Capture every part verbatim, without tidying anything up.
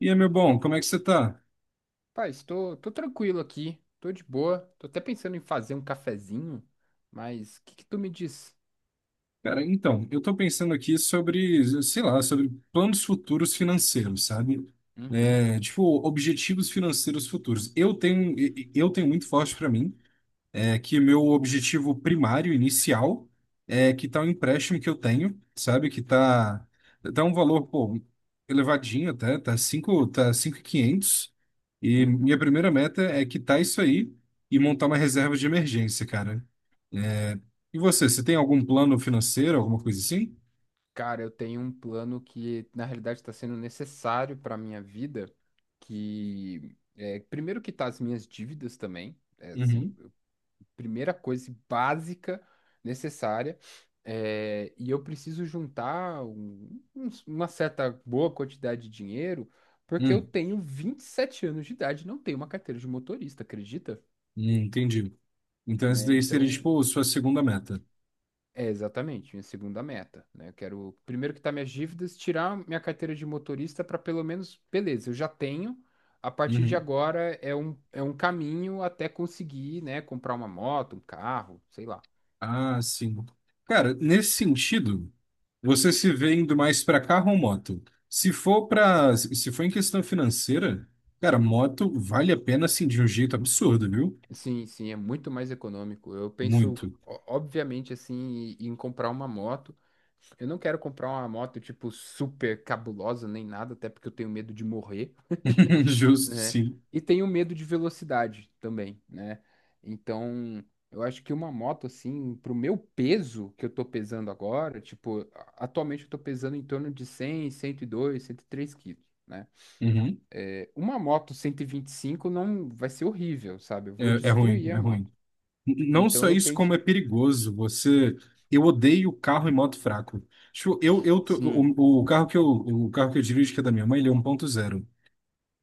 E aí, meu bom, como é que você tá? Paz, tô, tô tranquilo aqui, tô de boa, tô até pensando em fazer um cafezinho, mas o que que tu me diz? Cara, então, eu tô pensando aqui sobre, sei lá, sobre planos futuros financeiros, sabe? Uhum, É, tipo, objetivos financeiros futuros. Eu tenho, eu tenho muito forte pra mim, é, que meu objetivo primário, inicial, é quitar o empréstimo que eu tenho, sabe? Que tá, tá um valor, pô, elevadinho até, tá cinco, tá cinco mil e quinhentos. E quinhentos. E minha uhum. primeira meta é quitar isso aí e montar uma reserva de emergência, cara. É, e você, você tem algum plano financeiro, alguma coisa assim? Cara, eu tenho um plano que na realidade está sendo necessário para minha vida, que é, primeiro quitar as minhas dívidas também, é, assim, Uhum. primeira coisa assim, básica necessária. É, e eu preciso juntar um- um- uma certa boa quantidade de dinheiro, porque eu Hum, tenho vinte e sete anos de idade e não tenho uma carteira de motorista, acredita? hum, entendi. Então, isso Né? daí seria, Então, tipo, sua segunda meta. é exatamente minha segunda meta, né? Eu quero, primeiro que tá minhas dívidas, tirar minha carteira de motorista para pelo menos, beleza, eu já tenho. A partir de Uhum. agora é um, é um caminho até conseguir, né, comprar uma moto, um carro, sei lá. Ah, sim. Cara, nesse sentido, você se vê indo mais pra carro ou moto? Se for para, se for em questão financeira, cara, moto vale a pena, assim, de um jeito absurdo, viu? Sim, sim, é muito mais econômico. Eu penso, Muito. o- obviamente, assim, em em comprar uma moto. Eu não quero comprar uma moto, tipo, super cabulosa nem nada, até porque eu tenho medo de morrer, Justo, né? sim. E tenho medo de velocidade também, né? Então, eu acho que uma moto, assim, pro meu peso que eu tô pesando agora, tipo, a- atualmente eu tô pesando em torno de cem, cento e dois, cento e três quilos, né? Uhum. É, uma moto cento e e vinte e cinco não vai ser horrível, sabe? Eu vou É, é ruim, destruir é a moto. ruim. Não Então só eu isso, penso, como é perigoso. Você, eu odeio carro e moto fraco. Tipo, eu, eu tô- sim, o, o carro que eu, o carro que eu dirijo, que é da minha mãe, ele é um ponto zero.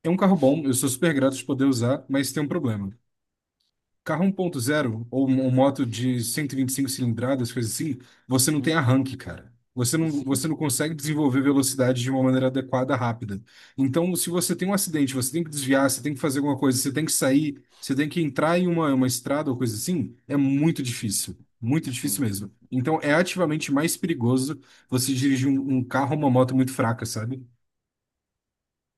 É um carro bom, eu sou super grato de poder usar, mas tem um problema. Carro um ponto zero ou um uma moto de cento e vinte e cinco cilindradas, coisa assim, você não tem uhum, arranque, cara. Você não, você sim, não consegue desenvolver velocidade de uma maneira adequada, rápida. Então, se você tem um acidente, você tem que desviar, você tem que fazer alguma coisa, você tem que sair, você tem que entrar em uma, uma estrada ou coisa assim, é muito difícil. Muito difícil sim. mesmo. Então, é ativamente mais perigoso você dirigir um, um carro ou uma moto muito fraca, sabe?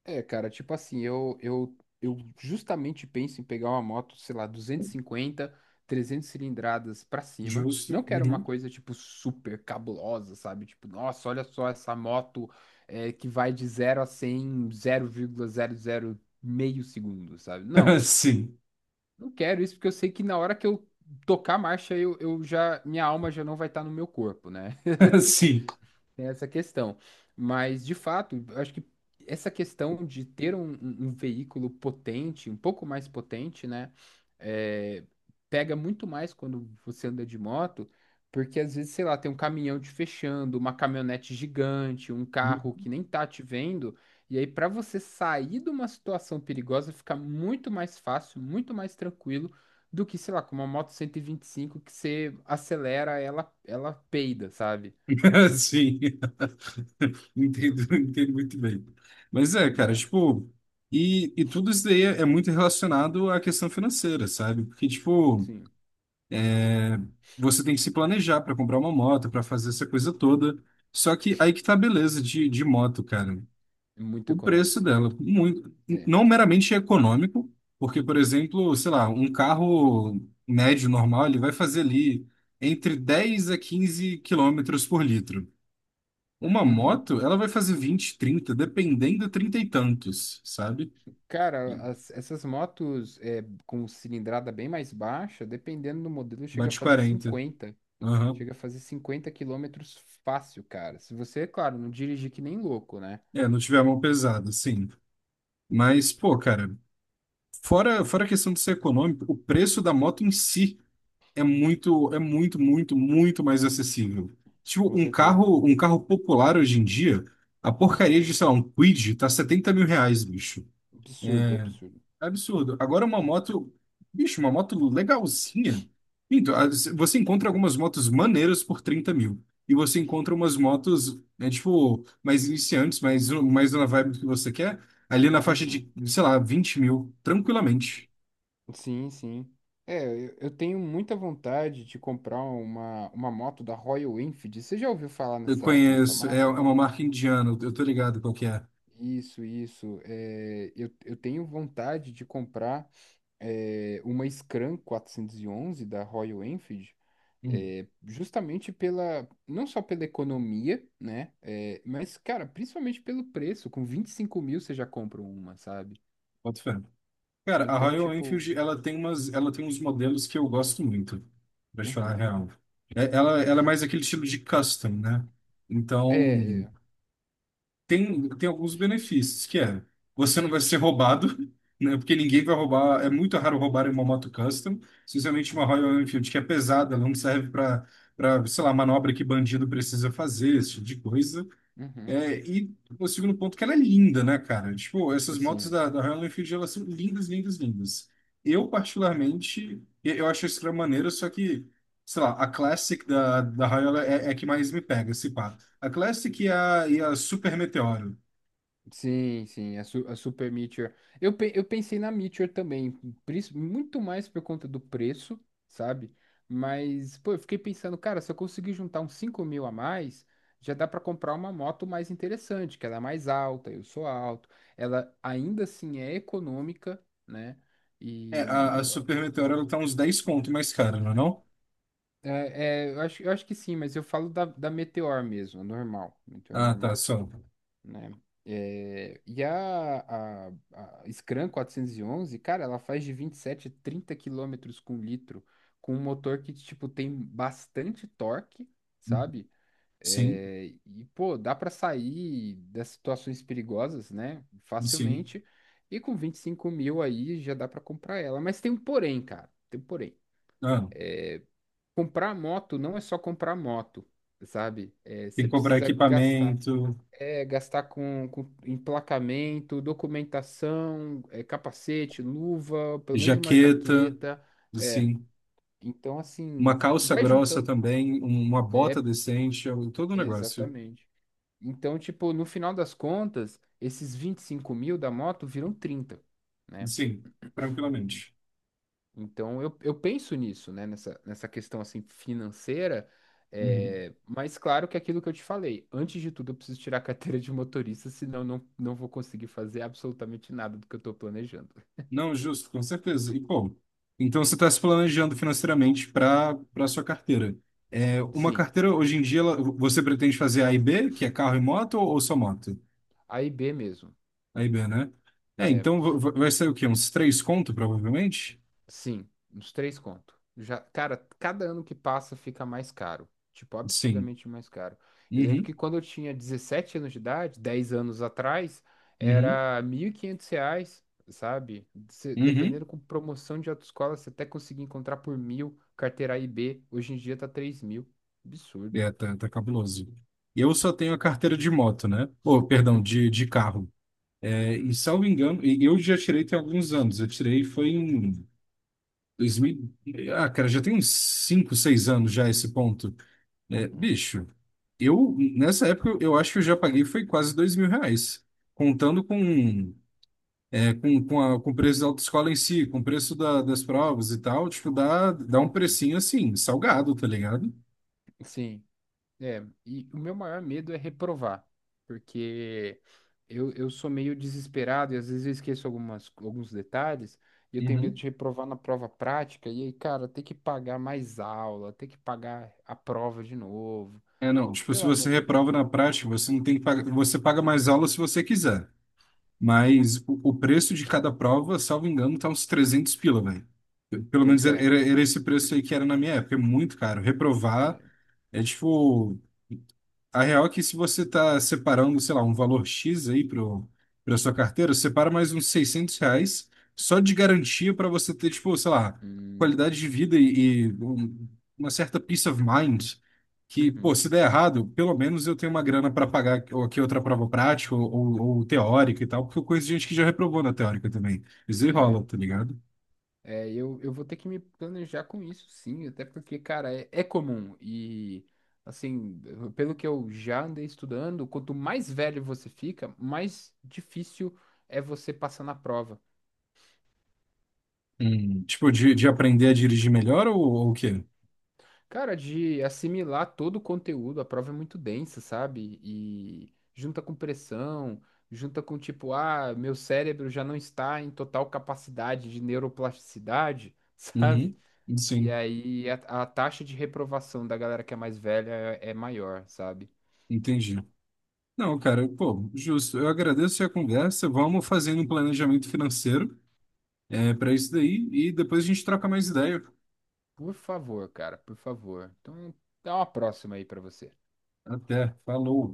É, cara, tipo assim, eu, eu, eu justamente penso em pegar uma moto, sei lá, duzentos e cinquenta, trezentas cilindradas pra cima. Justo. Não quero uma Uhum. coisa, tipo, super cabulosa, sabe? Tipo, nossa, olha só essa moto é, que vai de zero a cem em zero vírgula zero zero meio segundo, sabe? Não, Sim. não quero isso porque eu sei que na hora que eu tocar a marcha, eu, eu já, minha alma já não vai estar no meu corpo, né? Sim. Tem essa questão. Mas, de fato, eu acho que essa questão de ter um, um- um veículo potente, um pouco mais potente, né? É, pega muito mais quando você anda de moto, porque às vezes, sei lá, tem um caminhão te fechando, uma caminhonete gigante, um carro que nem tá te vendo. E aí, para você sair de uma situação perigosa, fica muito mais fácil, muito mais tranquilo do que, sei lá, com uma moto cento e e vinte e cinco que você acelera, ela, ela peida, sabe? Sim. Entendo, entendo muito bem. Mas é, cara, tipo, e, e tudo isso daí é é muito relacionado à questão financeira, sabe? Porque, tipo, Sim, é, você tem que se planejar para comprar uma moto, para fazer essa coisa toda. Só que aí que tá a beleza de, de moto, cara. muito O preço econômica. dela, muito, É. não meramente econômico, porque, por exemplo, sei lá, um carro médio normal, ele vai fazer ali entre dez a quinze quilômetros por litro. Uma Uhum. moto, ela vai fazer vinte, trinta dependendo, trinta e tantos, sabe? Cara, as- essas motos é, com cilindrada bem mais baixa, dependendo do modelo, chega a Bate fazer quarenta. cinquenta. Aham. Chega a fazer cinquenta quilômetros fácil, cara. Se você, é claro, não dirigir que nem louco, né? É, não tiver a mão pesada, sim. Mas, pô, cara, fora, fora a questão de ser econômico, o preço da moto em si é muito, é muito, muito, muito mais acessível. Tipo, Com um certeza. carro, um carro popular hoje em dia, a porcaria de, sei lá, um Kwid tá setenta mil reais, bicho. Absurdo, absurdo. Absurdo. Agora uma moto, bicho, uma moto legalzinha. Então, as- você encontra algumas motos maneiras por trinta mil. E você encontra umas motos, né, tipo, mais iniciantes, mais, mais na vibe que você quer, ali na faixa Uhum. de, sei lá, vinte mil, tranquilamente. Sim, sim. É, eu, eu tenho muita vontade de comprar uma, uma moto da Royal Enfield. Você já ouviu falar Eu nessa, nessa conheço, é, é marca? uma marca indiana, eu tô ligado qual que é. Isso, isso. É, eu, eu tenho vontade de comprar. É, uma Scram quatrocentos e onze da Royal Enfield, Hum, é, justamente pela, não só pela economia, né, é, mas, cara, principalmente pelo preço, com vinte e cinco mil você já compra uma, sabe? boto fé. Cara, a Então, Royal tipo, Enfield, ela tem umas, ela tem uns modelos que eu gosto muito, pra te falar a uhum. real. É- Ela, ela é mais aquele estilo de custom, né? É, Então, é, tem, tem alguns benefícios, que é, você não vai ser roubado, né? Porque ninguém vai roubar, é muito raro roubar uma moto custom, especialmente uma uhum. Royal Enfield, que é pesada, ela não serve para, para, sei lá, manobra que bandido precisa fazer, esse tipo de coisa. Uhum. É, e o segundo ponto que ela é linda, né, cara? Tipo, essas motos Assim, da, da Royal Enfield, elas são lindas, lindas, lindas. Eu, particularmente, e- eu acho a Scram maneira, só que, sei lá, a Classic da, da Royal é, é a que mais me pega, se pá. A Classic e a, e a Super Meteoro. sim, sim, a, su- a Super Meteor. Eu, pe- eu pensei na Meteor também, pris- muito mais por conta do preço, sabe? Mas, pô, eu fiquei pensando, cara, se eu conseguir juntar uns cinco mil a mais, já dá pra comprar uma moto mais interessante, que ela é mais alta, eu sou alto. Ela ainda assim é econômica, né? É, a, a E Super Meteoro, ela tá uns dez conto mais cara, não é não? é, é, eu acho, eu acho que sim, mas eu falo da, da Meteor mesmo, a normal, Meteor Ah, tá, normal. só. Né? É, e a, a, a Scram quatrocentos e onze cara, ela faz de vinte e sete a trinta quilômetros com litro, com um motor que, tipo, tem bastante torque, sabe? Sim, É, e, pô, dá pra sair das situações perigosas, né? sim. Facilmente. E com vinte e cinco mil aí já dá pra comprar ela. Mas tem um porém, cara. Tem um porém. Ah, É, comprar moto não é só comprar moto, sabe? É, tem você que comprar precisa gastar. equipamento, É, gastar com, com emplacamento, documentação, é, capacete, luva, pelo menos uma jaqueta, jaqueta. É, sim. então, assim, Uma v- calça vai grossa juntando. também, um- uma bota É, decente, eu- todo o negócio. exatamente. Então, tipo, no final das contas, esses vinte e cinco mil da moto viram trinta, né? Sim, tranquilamente. Então eu, eu penso nisso, né? Nessa, nessa questão assim financeira. Uhum. É, mas claro que é aquilo que eu te falei, antes de tudo eu preciso tirar a carteira de motorista, senão eu não, não vou conseguir fazer absolutamente nada do que eu estou planejando. Não, justo, com certeza. E, pô, então você está se planejando financeiramente para para sua carteira. É, uma Sim, carteira, hoje em dia, ela- você pretende fazer A e B, que é carro e moto, ou ou só moto? A e B mesmo. A e B, né? É, eh, então va- va- vai ser o quê? Uns três conto, provavelmente? Sim, uns três conto. Já, cara, cada ano que passa fica mais caro. Tipo, Sim. absurdamente mais caro. Eu lembro que Uhum, quando eu tinha dezessete anos de idade, dez anos atrás, uhum, era mil e quinhentos reais, sabe? Se- uhum. Dependendo com promoção de autoescola, você até conseguia encontrar por mil, carteira A e B. Hoje em dia tá três mil. Absurdo. É, tá, tá cabuloso. Eu só tenho a carteira de moto, né? Ou, perdão, Uhum, de, de carro. É, e uhum, salvo engano, e eu já tirei tem alguns anos. Eu tirei foi em dois mil. Ah, cara, já tem uns cinco, seis anos já esse ponto. É, uhum, bicho, eu nessa época eu acho que eu já paguei foi quase dois mil reais. Contando com, é, com, com, a, com o preço da autoescola em si, com o preço da- das provas e tal, tipo, dá, dá um uhum. precinho assim, salgado, tá ligado? Sim. É, e o meu maior medo é reprovar, porque eu, eu sou meio desesperado e às vezes eu esqueço algumas, alguns detalhes e eu tenho medo Uhum. de reprovar na prova prática e aí, cara, ter que pagar mais aula, ter que pagar a prova de novo, É, não, tipo, pelo se você amor de Deus. reprova na prática, você não tem que pagar, você paga mais aula se você quiser. Mas o, o preço de cada prova, salvo engano, tá uns trezentos pila, velho. Pelo menos Pois era, é, era, era esse preço aí que era na minha época. É muito caro. Reprovar né? é tipo. A real é que se você está separando, sei lá, um valor X aí para sua carteira, separa mais uns seiscentos reais só de garantia para você ter, tipo, sei lá, Hum, qualidade de vida e, e um- uma certa peace of mind que, pô, uhum. se der errado, pelo menos eu tenho uma grana para pagar ou aqui outra prova prática ou, ou- ou teórica e tal, porque eu conheço gente que já reprovou na teórica também. Isso aí É, rola, tá ligado? É, eu, eu vou ter que me planejar com isso, sim, até porque, cara, é, é comum. E, assim, pelo que eu já andei estudando, quanto mais velho você fica, mais difícil é você passar na prova. Hum. Tipo, de, de aprender a dirigir melhor ou, ou o quê? Cara, de assimilar todo o conteúdo, a prova é muito densa, sabe? E junta com pressão, junta com tipo, ah, meu cérebro já não está em total capacidade de neuroplasticidade, Uhum. sabe? E Sim, aí a, a taxa de reprovação da galera que é mais velha é, é maior, sabe? entendi. Não, cara, pô, justo. Eu agradeço a conversa. Vamos fazendo um planejamento financeiro é, para isso daí e depois a gente troca mais ideia. Por favor, cara, por favor. Então, dá uma próxima aí pra você. Até. Falou.